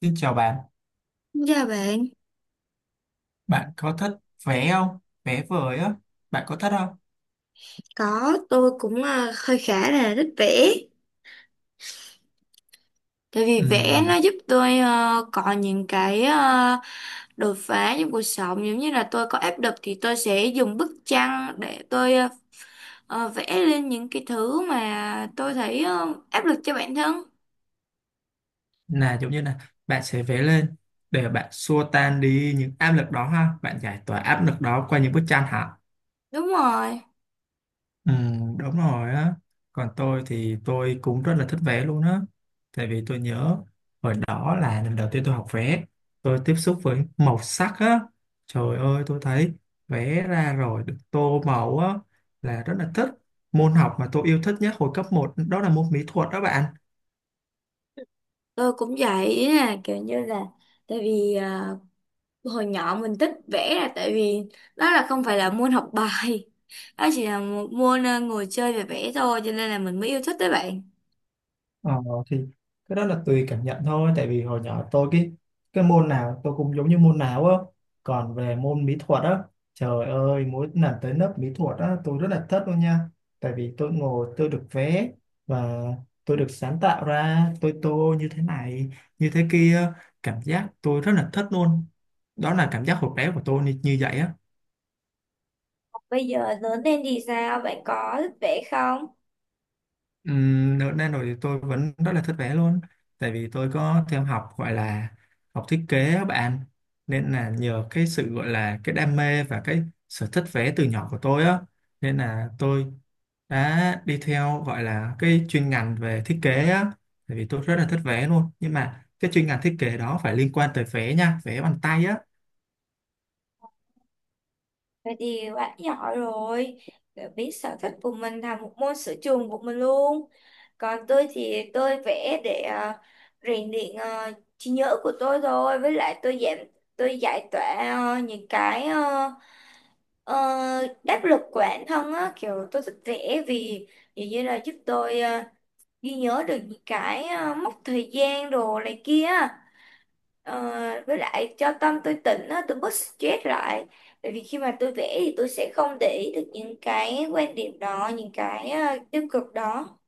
Xin chào bạn, Dạ bạn, bạn có thích vẽ không? Vẽ vời á, bạn có thích không? có tôi cũng hơi khá là thích vẽ. Tại vì vẽ Ừm, nó giúp tôi có những cái đột phá trong cuộc sống. Giống như là tôi có áp lực thì tôi sẽ dùng bức tranh để tôi vẽ lên những cái thứ mà tôi thấy áp lực cho bản thân. là giống như là bạn sẽ vẽ lên để bạn xua tan đi những áp lực đó ha, bạn giải tỏa áp lực đó qua những bức tranh hả? Đúng rồi, Ừ, đúng rồi á. Còn tôi thì tôi cũng rất là thích vẽ luôn á. Tại vì tôi nhớ hồi đó là lần đầu tiên tôi học vẽ, tôi tiếp xúc với màu sắc á. Trời ơi, tôi thấy vẽ ra rồi được tô màu á là rất là thích. Môn học mà tôi yêu thích nhất hồi cấp một đó là môn mỹ thuật đó bạn. tôi cũng vậy, ý là kiểu như là, tại vì hồi nhỏ mình thích vẽ là tại vì đó là không phải là môn học bài, đó chỉ là một môn ngồi chơi và vẽ thôi, cho nên là mình mới yêu thích đấy bạn. Ờ, thì cái đó là tùy cảm nhận thôi. Tại vì hồi nhỏ tôi cái môn nào tôi cũng giống như môn nào á, còn về môn mỹ thuật á, trời ơi, mỗi lần tới lớp mỹ thuật á tôi rất là thích luôn nha. Tại vì tôi ngồi tôi được vẽ và tôi được sáng tạo ra, tôi tô như thế này như thế kia, cảm giác tôi rất là thích luôn. Đó là cảm giác hồi bé của tôi như vậy á. Bây giờ lớn lên thì sao? Bạn có thích vẽ không? Ở Đà Nội thì tôi vẫn rất là thích vẽ luôn, tại vì tôi có theo học gọi là học thiết kế á bạn. Nên là nhờ cái sự gọi là cái đam mê và cái sở thích vẽ từ nhỏ của tôi á, nên là tôi đã đi theo gọi là cái chuyên ngành về thiết kế á. Tại vì tôi rất là thích vẽ luôn, nhưng mà cái chuyên ngành thiết kế đó phải liên quan tới vẽ nha, vẽ bằng tay á. Vậy thì bạn nhỏ rồi, để biết sở thích của mình là một môn sở trường của mình luôn. Còn tôi thì tôi vẽ để rèn luyện trí nhớ của tôi thôi. Với lại tôi tôi giải tỏa ờ, những cái ờ, Ờ, đáp lực của bản thân á, kiểu tôi thích vẽ vì vì như là giúp tôi ghi nhớ được những cái mốc thời gian đồ này kia á. Ờ, với lại cho tâm tôi tỉnh á, tôi bớt stress lại, bởi vì khi mà tôi vẽ thì tôi sẽ không để ý được những cái quan điểm đó, những cái tiêu cực đó.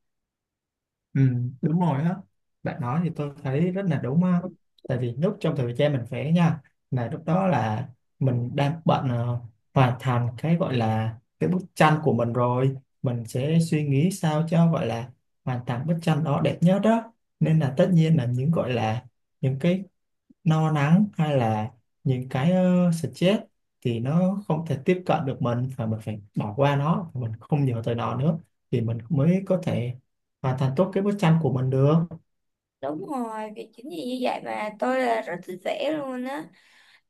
Ừ, đúng rồi á, bạn nói thì tôi thấy rất là đúng á. Tại vì lúc trong thời gian mình vẽ nha, là lúc đó là mình đang bận hoàn thành cái gọi là cái bức tranh của mình rồi, mình sẽ suy nghĩ sao cho gọi là hoàn thành bức tranh đó đẹp nhất đó. Nên là tất nhiên là những gọi là những cái no nắng hay là những cái stress thì nó không thể tiếp cận được mình, và mình phải bỏ qua nó, mình không nhớ tới nó nữa thì mình mới có thể hoàn thành tốt cái bức tranh của mình được. Đúng rồi, vì chính vì như vậy mà tôi là rất thích vẽ luôn á.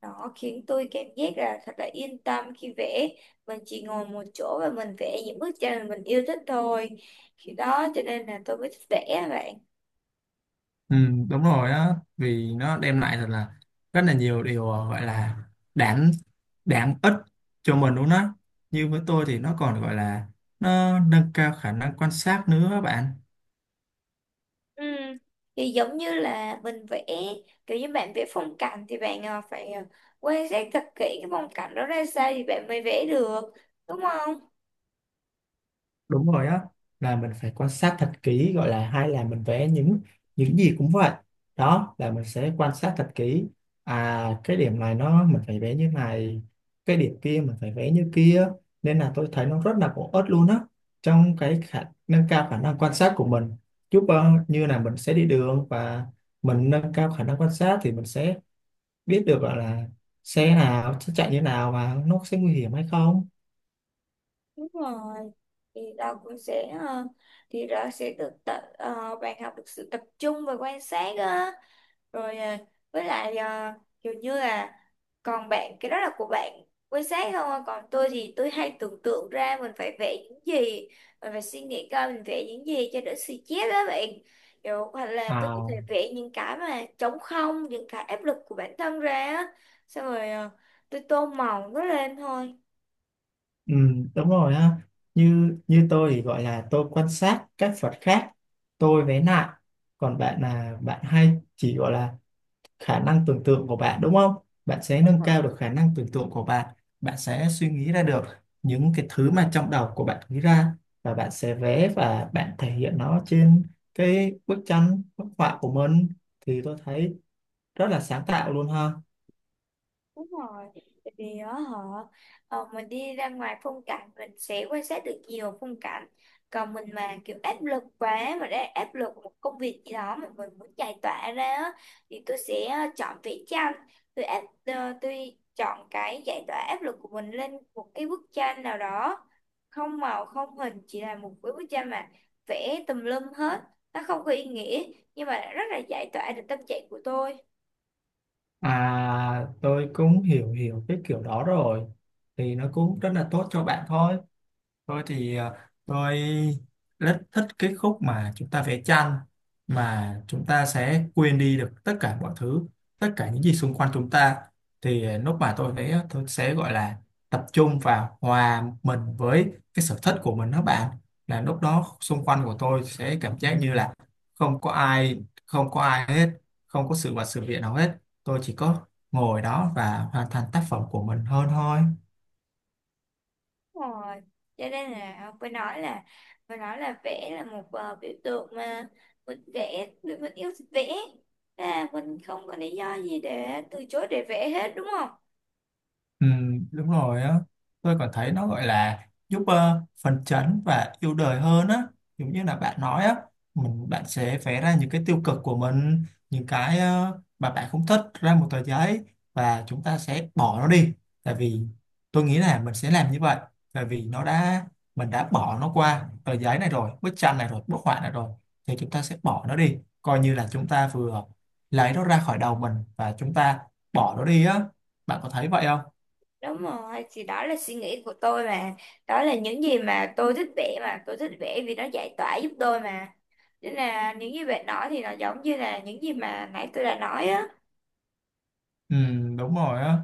Nó khiến tôi cảm giác là thật là yên tâm khi vẽ. Mình chỉ ngồi một chỗ và mình vẽ những bức tranh mà mình yêu thích thôi. Khi đó cho nên là tôi mới thích vẽ á bạn. Ừ, đúng rồi á, vì nó đem lại thật là rất là nhiều điều gọi là đáng đáng ích cho mình luôn á. Như với tôi thì nó còn gọi là nó nâng cao khả năng quan sát nữa các bạn. Ừ. Thì giống như là mình vẽ, kiểu như bạn vẽ phong cảnh thì bạn phải quan sát thật kỹ cái phong cảnh đó ra sao thì bạn mới vẽ được. Đúng không? Đúng rồi á, là mình phải quan sát thật kỹ, gọi là hay là mình vẽ những gì cũng vậy, đó là mình sẽ quan sát thật kỹ. À, cái điểm này nó mình phải vẽ như này, cái điểm kia mình phải vẽ như kia, nên là tôi thấy nó rất là bổ ích luôn á, trong cái khả nâng cao khả năng quan sát của mình. Giúp như là mình sẽ đi đường và mình nâng cao khả năng quan sát thì mình sẽ biết được gọi là xe nào sẽ chạy như nào và nó sẽ nguy hiểm hay không. Đúng rồi, thì đó cũng sẽ thì đó sẽ được tập, bạn học được sự tập trung và quan sát á, rồi với lại ờ, kiểu như là, còn bạn cái đó là của bạn quan sát không à? Còn tôi thì tôi hay tưởng tượng ra mình phải vẽ những gì, mình phải suy nghĩ coi mình vẽ những gì cho đỡ suy chết á bạn, kiểu hoặc là tôi có thể À, vẽ những cái mà trống không, những cái áp lực của bản thân ra á, xong rồi tôi tô màu nó lên thôi. ừ, đúng rồi ha. Như như tôi thì gọi là tôi quan sát các Phật khác, tôi vẽ lại. Còn bạn là bạn hay chỉ gọi là khả năng tưởng tượng của bạn đúng không? Bạn sẽ nâng cao được khả năng tưởng tượng của bạn. Bạn sẽ suy nghĩ ra được những cái thứ mà trong đầu của bạn nghĩ ra, và bạn sẽ vẽ và bạn thể hiện nó trên cái bức tranh, bức họa của mình, thì tôi thấy rất là sáng tạo luôn ha. Đúng rồi, tại vì á họ mình đi ra ngoài phong cảnh mình sẽ quan sát được nhiều phong cảnh. Còn mình mà kiểu áp lực quá, mà đã áp lực một công việc gì đó mà mình muốn giải tỏa ra á, thì tôi sẽ chọn vẽ tranh. Tôi chọn cái giải tỏa áp lực của mình lên một cái bức tranh nào đó, không màu không hình, chỉ là một cái bức tranh mà vẽ tùm lum hết, nó không có ý nghĩa nhưng mà rất là giải tỏa được tâm trạng của tôi. À, tôi cũng hiểu hiểu cái kiểu đó rồi, thì nó cũng rất là tốt cho bạn thôi. Tôi thì tôi rất thích cái khúc mà chúng ta vẽ tranh mà chúng ta sẽ quên đi được tất cả mọi thứ, tất cả những gì xung quanh chúng ta. Thì lúc mà tôi vẽ tôi sẽ gọi là tập trung vào hòa mình với cái sở thích của mình đó bạn. Là lúc đó xung quanh của tôi sẽ cảm giác như là không có ai, không có ai hết, không có sự vật sự việc nào hết. Tôi chỉ có ngồi đó và hoàn thành tác phẩm của mình hơn thôi. Đúng rồi, cho nên là phải nói là vẽ là một biểu tượng mà mình yêu thích vẽ, à, mình không có lý do gì để từ chối để vẽ hết, đúng không? Ừ, đúng rồi á, tôi còn thấy nó gọi là giúp phấn chấn và yêu đời hơn á. Giống như là bạn nói á, mình bạn sẽ vẽ ra những cái tiêu cực của mình, những cái mà bạn không thích ra một tờ giấy và chúng ta sẽ bỏ nó đi. Tại vì tôi nghĩ là mình sẽ làm như vậy, tại vì nó đã mình đã bỏ nó qua tờ giấy này rồi, bức tranh này rồi, bức họa này rồi, thì chúng ta sẽ bỏ nó đi, coi như là chúng ta vừa lấy nó ra khỏi đầu mình và chúng ta bỏ nó đi á. Bạn có thấy vậy không? Đúng rồi, thì đó là suy nghĩ của tôi mà, đó là những gì mà tôi thích vẽ, mà tôi thích vẽ vì nó giải tỏa giúp tôi mà, nên là những gì bạn nói thì nó giống như là những gì mà nãy tôi đã nói á. Ừ, đúng rồi á,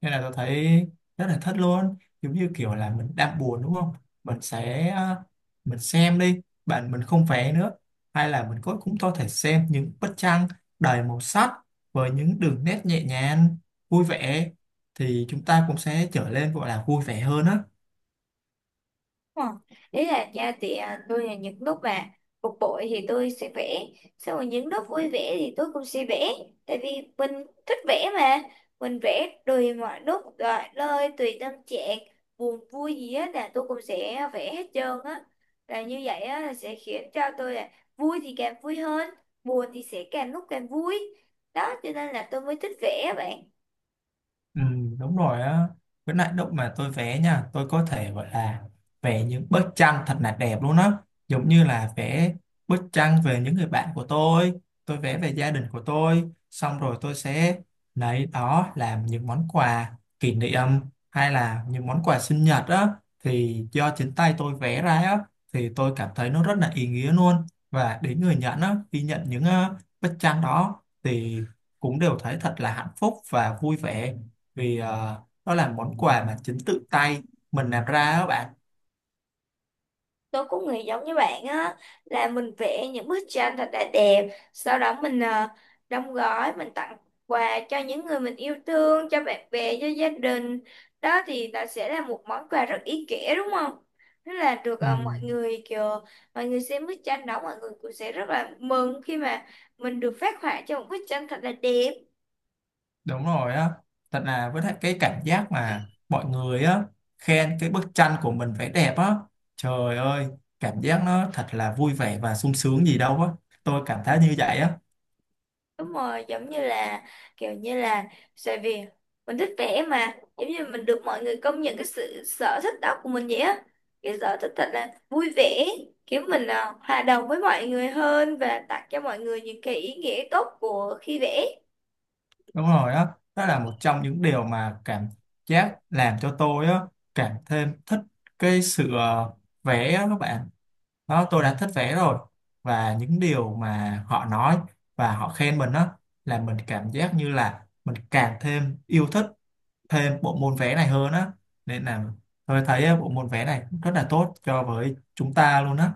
nên là tôi thấy rất là thích luôn. Giống như kiểu là mình đang buồn đúng không, mình sẽ mình xem đi bạn, mình không vẽ nữa, hay là mình có cũng có thể xem những bức tranh đầy màu sắc với những đường nét nhẹ nhàng, vui vẻ, thì chúng ta cũng sẽ trở nên gọi là vui vẻ hơn á. Ờ, Ý là nha, thì tôi là những lúc mà bực bội thì tôi sẽ vẽ. Xong rồi những lúc vui vẻ thì tôi cũng sẽ vẽ. Tại vì mình thích vẽ mà. Mình vẽ tùy mọi lúc, rồi nơi tùy tâm trạng. Buồn vui gì á là tôi cũng sẽ vẽ hết trơn á. Là như vậy á là sẽ khiến cho tôi là vui thì càng vui hơn, buồn thì sẽ càng lúc càng vui. Đó cho nên là tôi mới thích vẽ bạn. Ừ, đúng rồi á, với lại lúc mà tôi vẽ nha tôi có thể gọi là vẽ những bức tranh thật là đẹp luôn á. Giống như là vẽ bức tranh về những người bạn của tôi vẽ về gia đình của tôi, xong rồi tôi sẽ lấy đó làm những món quà kỷ niệm hay là những món quà sinh nhật á, thì do chính tay tôi vẽ ra á, thì tôi cảm thấy nó rất là ý nghĩa luôn. Và đến người nhận á khi nhận những bức tranh đó thì cũng đều thấy thật là hạnh phúc và vui vẻ, vì nó là món quà mà chính tự tay mình làm ra đó bạn. Tôi cũng nghĩ giống như bạn á, là mình vẽ những bức tranh thật là đẹp, sau đó mình đóng gói mình tặng quà cho những người mình yêu thương, cho bạn bè, cho gia đình, đó thì nó sẽ là một món quà rất ý nghĩa, đúng không? Thế là được Ừ, mọi người kiểu, mọi người xem bức tranh đó mọi người cũng sẽ rất là mừng khi mà mình được phác họa cho một bức tranh thật là đẹp. đúng rồi á, thật là với lại cái cảm giác mà mọi người á khen cái bức tranh của mình vẽ đẹp á, trời ơi, cảm giác nó thật là vui vẻ và sung sướng gì đâu á, tôi cảm thấy như vậy á. Đúng rồi, giống như là, kiểu như là, tại vì mình thích vẽ mà, giống như mình được mọi người công nhận cái sự sở thích đó của mình vậy á, cái sở thích thật là vui vẻ, kiểu mình hòa đồng với mọi người hơn và tặng cho mọi người những cái ý nghĩa tốt của khi vẽ. Đúng rồi á, đó là một trong những điều mà cảm giác làm cho tôi á cảm thêm thích cái sự vẽ á các bạn. Đó, tôi đã thích vẽ rồi và những điều mà họ nói và họ khen mình đó, là mình cảm giác như là mình càng thêm yêu thích thêm bộ môn vẽ này hơn á. Nên là tôi thấy á, bộ môn vẽ này rất là tốt cho với chúng ta luôn á.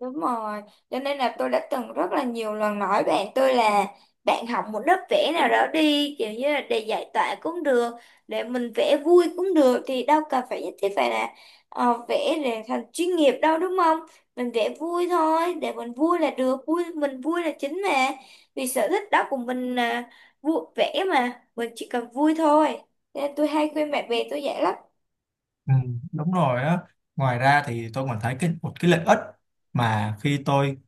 Đúng rồi, cho nên là tôi đã từng rất là nhiều lần nói bạn tôi là bạn học một lớp vẽ nào đó đi, kiểu như là để giải tỏa cũng được, để mình vẽ vui cũng được, thì đâu cần phải nhất thiết phải là vẽ để thành chuyên nghiệp đâu, đúng không? Mình vẽ vui thôi, để mình vui là được, vui mình vui là chính mà. Vì sở thích đó của mình là vui vẽ mà, mình chỉ cần vui thôi. Cho nên tôi hay khuyên bạn bè tôi vậy lắm. Ừ, đúng rồi á, ngoài ra thì tôi còn thấy cái, một cái lợi ích mà khi tôi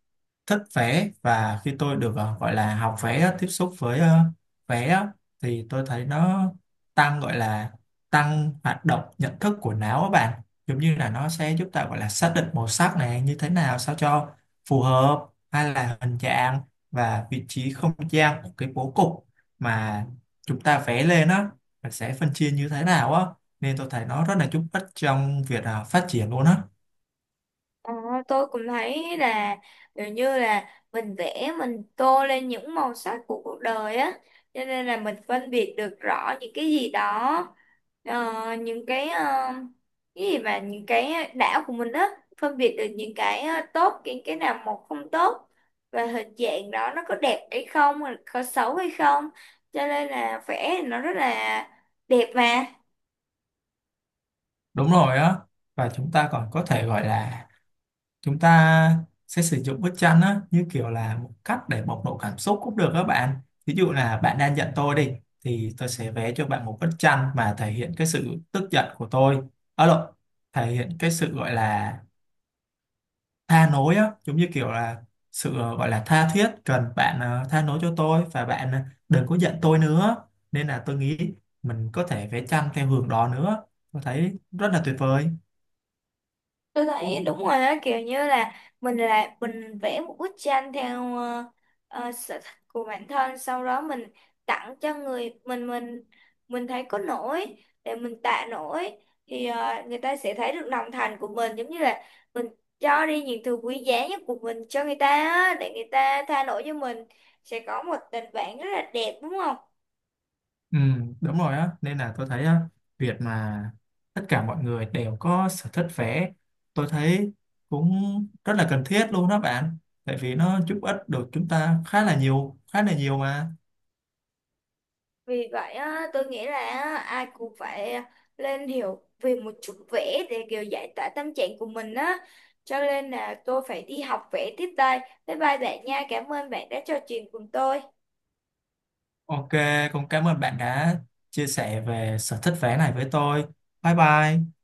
thích vẽ và khi tôi được gọi là học vẽ tiếp xúc với vẽ, thì tôi thấy nó tăng gọi là tăng hoạt động nhận thức của não á bạn. Giống như là nó sẽ giúp ta gọi là xác định màu sắc này như thế nào sao cho phù hợp, hay là hình dạng và vị trí không gian của cái bố cục mà chúng ta vẽ lên á, mình sẽ phân chia như thế nào á, nên tôi thấy nó rất là giúp ích trong việc phát triển luôn á. Ờ, tôi cũng thấy là kiểu như là mình vẽ mình tô lên những màu sắc của cuộc đời á, cho nên là mình phân biệt được rõ những cái gì đó, ờ, những cái ờ, cái gì mà những cái đạo của mình á, phân biệt được những cái tốt, những cái nào một không tốt, và hình dạng đó nó có đẹp hay không, rồi có xấu hay không, cho nên là vẽ thì nó rất là đẹp mà. Đúng rồi á, và chúng ta còn có thể gọi là chúng ta sẽ sử dụng bức tranh á, như kiểu là một cách để bộc lộ cảm xúc cũng được các bạn. Ví dụ là bạn đang giận tôi đi, thì tôi sẽ vẽ cho bạn một bức tranh mà thể hiện cái sự tức giận của tôi, ở lộn, thể hiện cái sự gọi là tha lỗi á, giống như kiểu là sự gọi là tha thiết cần bạn tha lỗi cho tôi và bạn đừng có giận tôi nữa. Nên là tôi nghĩ mình có thể vẽ tranh theo hướng đó nữa, tôi thấy rất là tuyệt vời. Tôi thấy đúng rồi á, kiểu như là mình vẽ một bức tranh theo sở thích của bản thân, sau đó mình tặng cho người mình thấy có nổi để mình tạ nổi, thì người ta sẽ thấy được lòng thành của mình, giống như là mình cho đi những thứ quý giá nhất của mình cho người ta á, để người ta tha lỗi cho mình, sẽ có một tình bạn rất là đẹp, đúng không? Ừ, đúng rồi á, nên là tôi thấy á việc mà tất cả mọi người đều có sở thích vẽ, tôi thấy cũng rất là cần thiết luôn đó bạn. Tại vì nó giúp ích được chúng ta khá là nhiều, khá là nhiều mà. Vì vậy á, tôi nghĩ là á, ai cũng phải lên hiểu về một chút vẽ để kiểu giải tỏa tâm trạng của mình á. Cho nên là tôi phải đi học vẽ tiếp đây. Bye bye bạn nha. Cảm ơn bạn đã trò chuyện cùng tôi. OK, cũng cảm ơn bạn đã chia sẻ về sở thích vẽ này với tôi. Bye bye.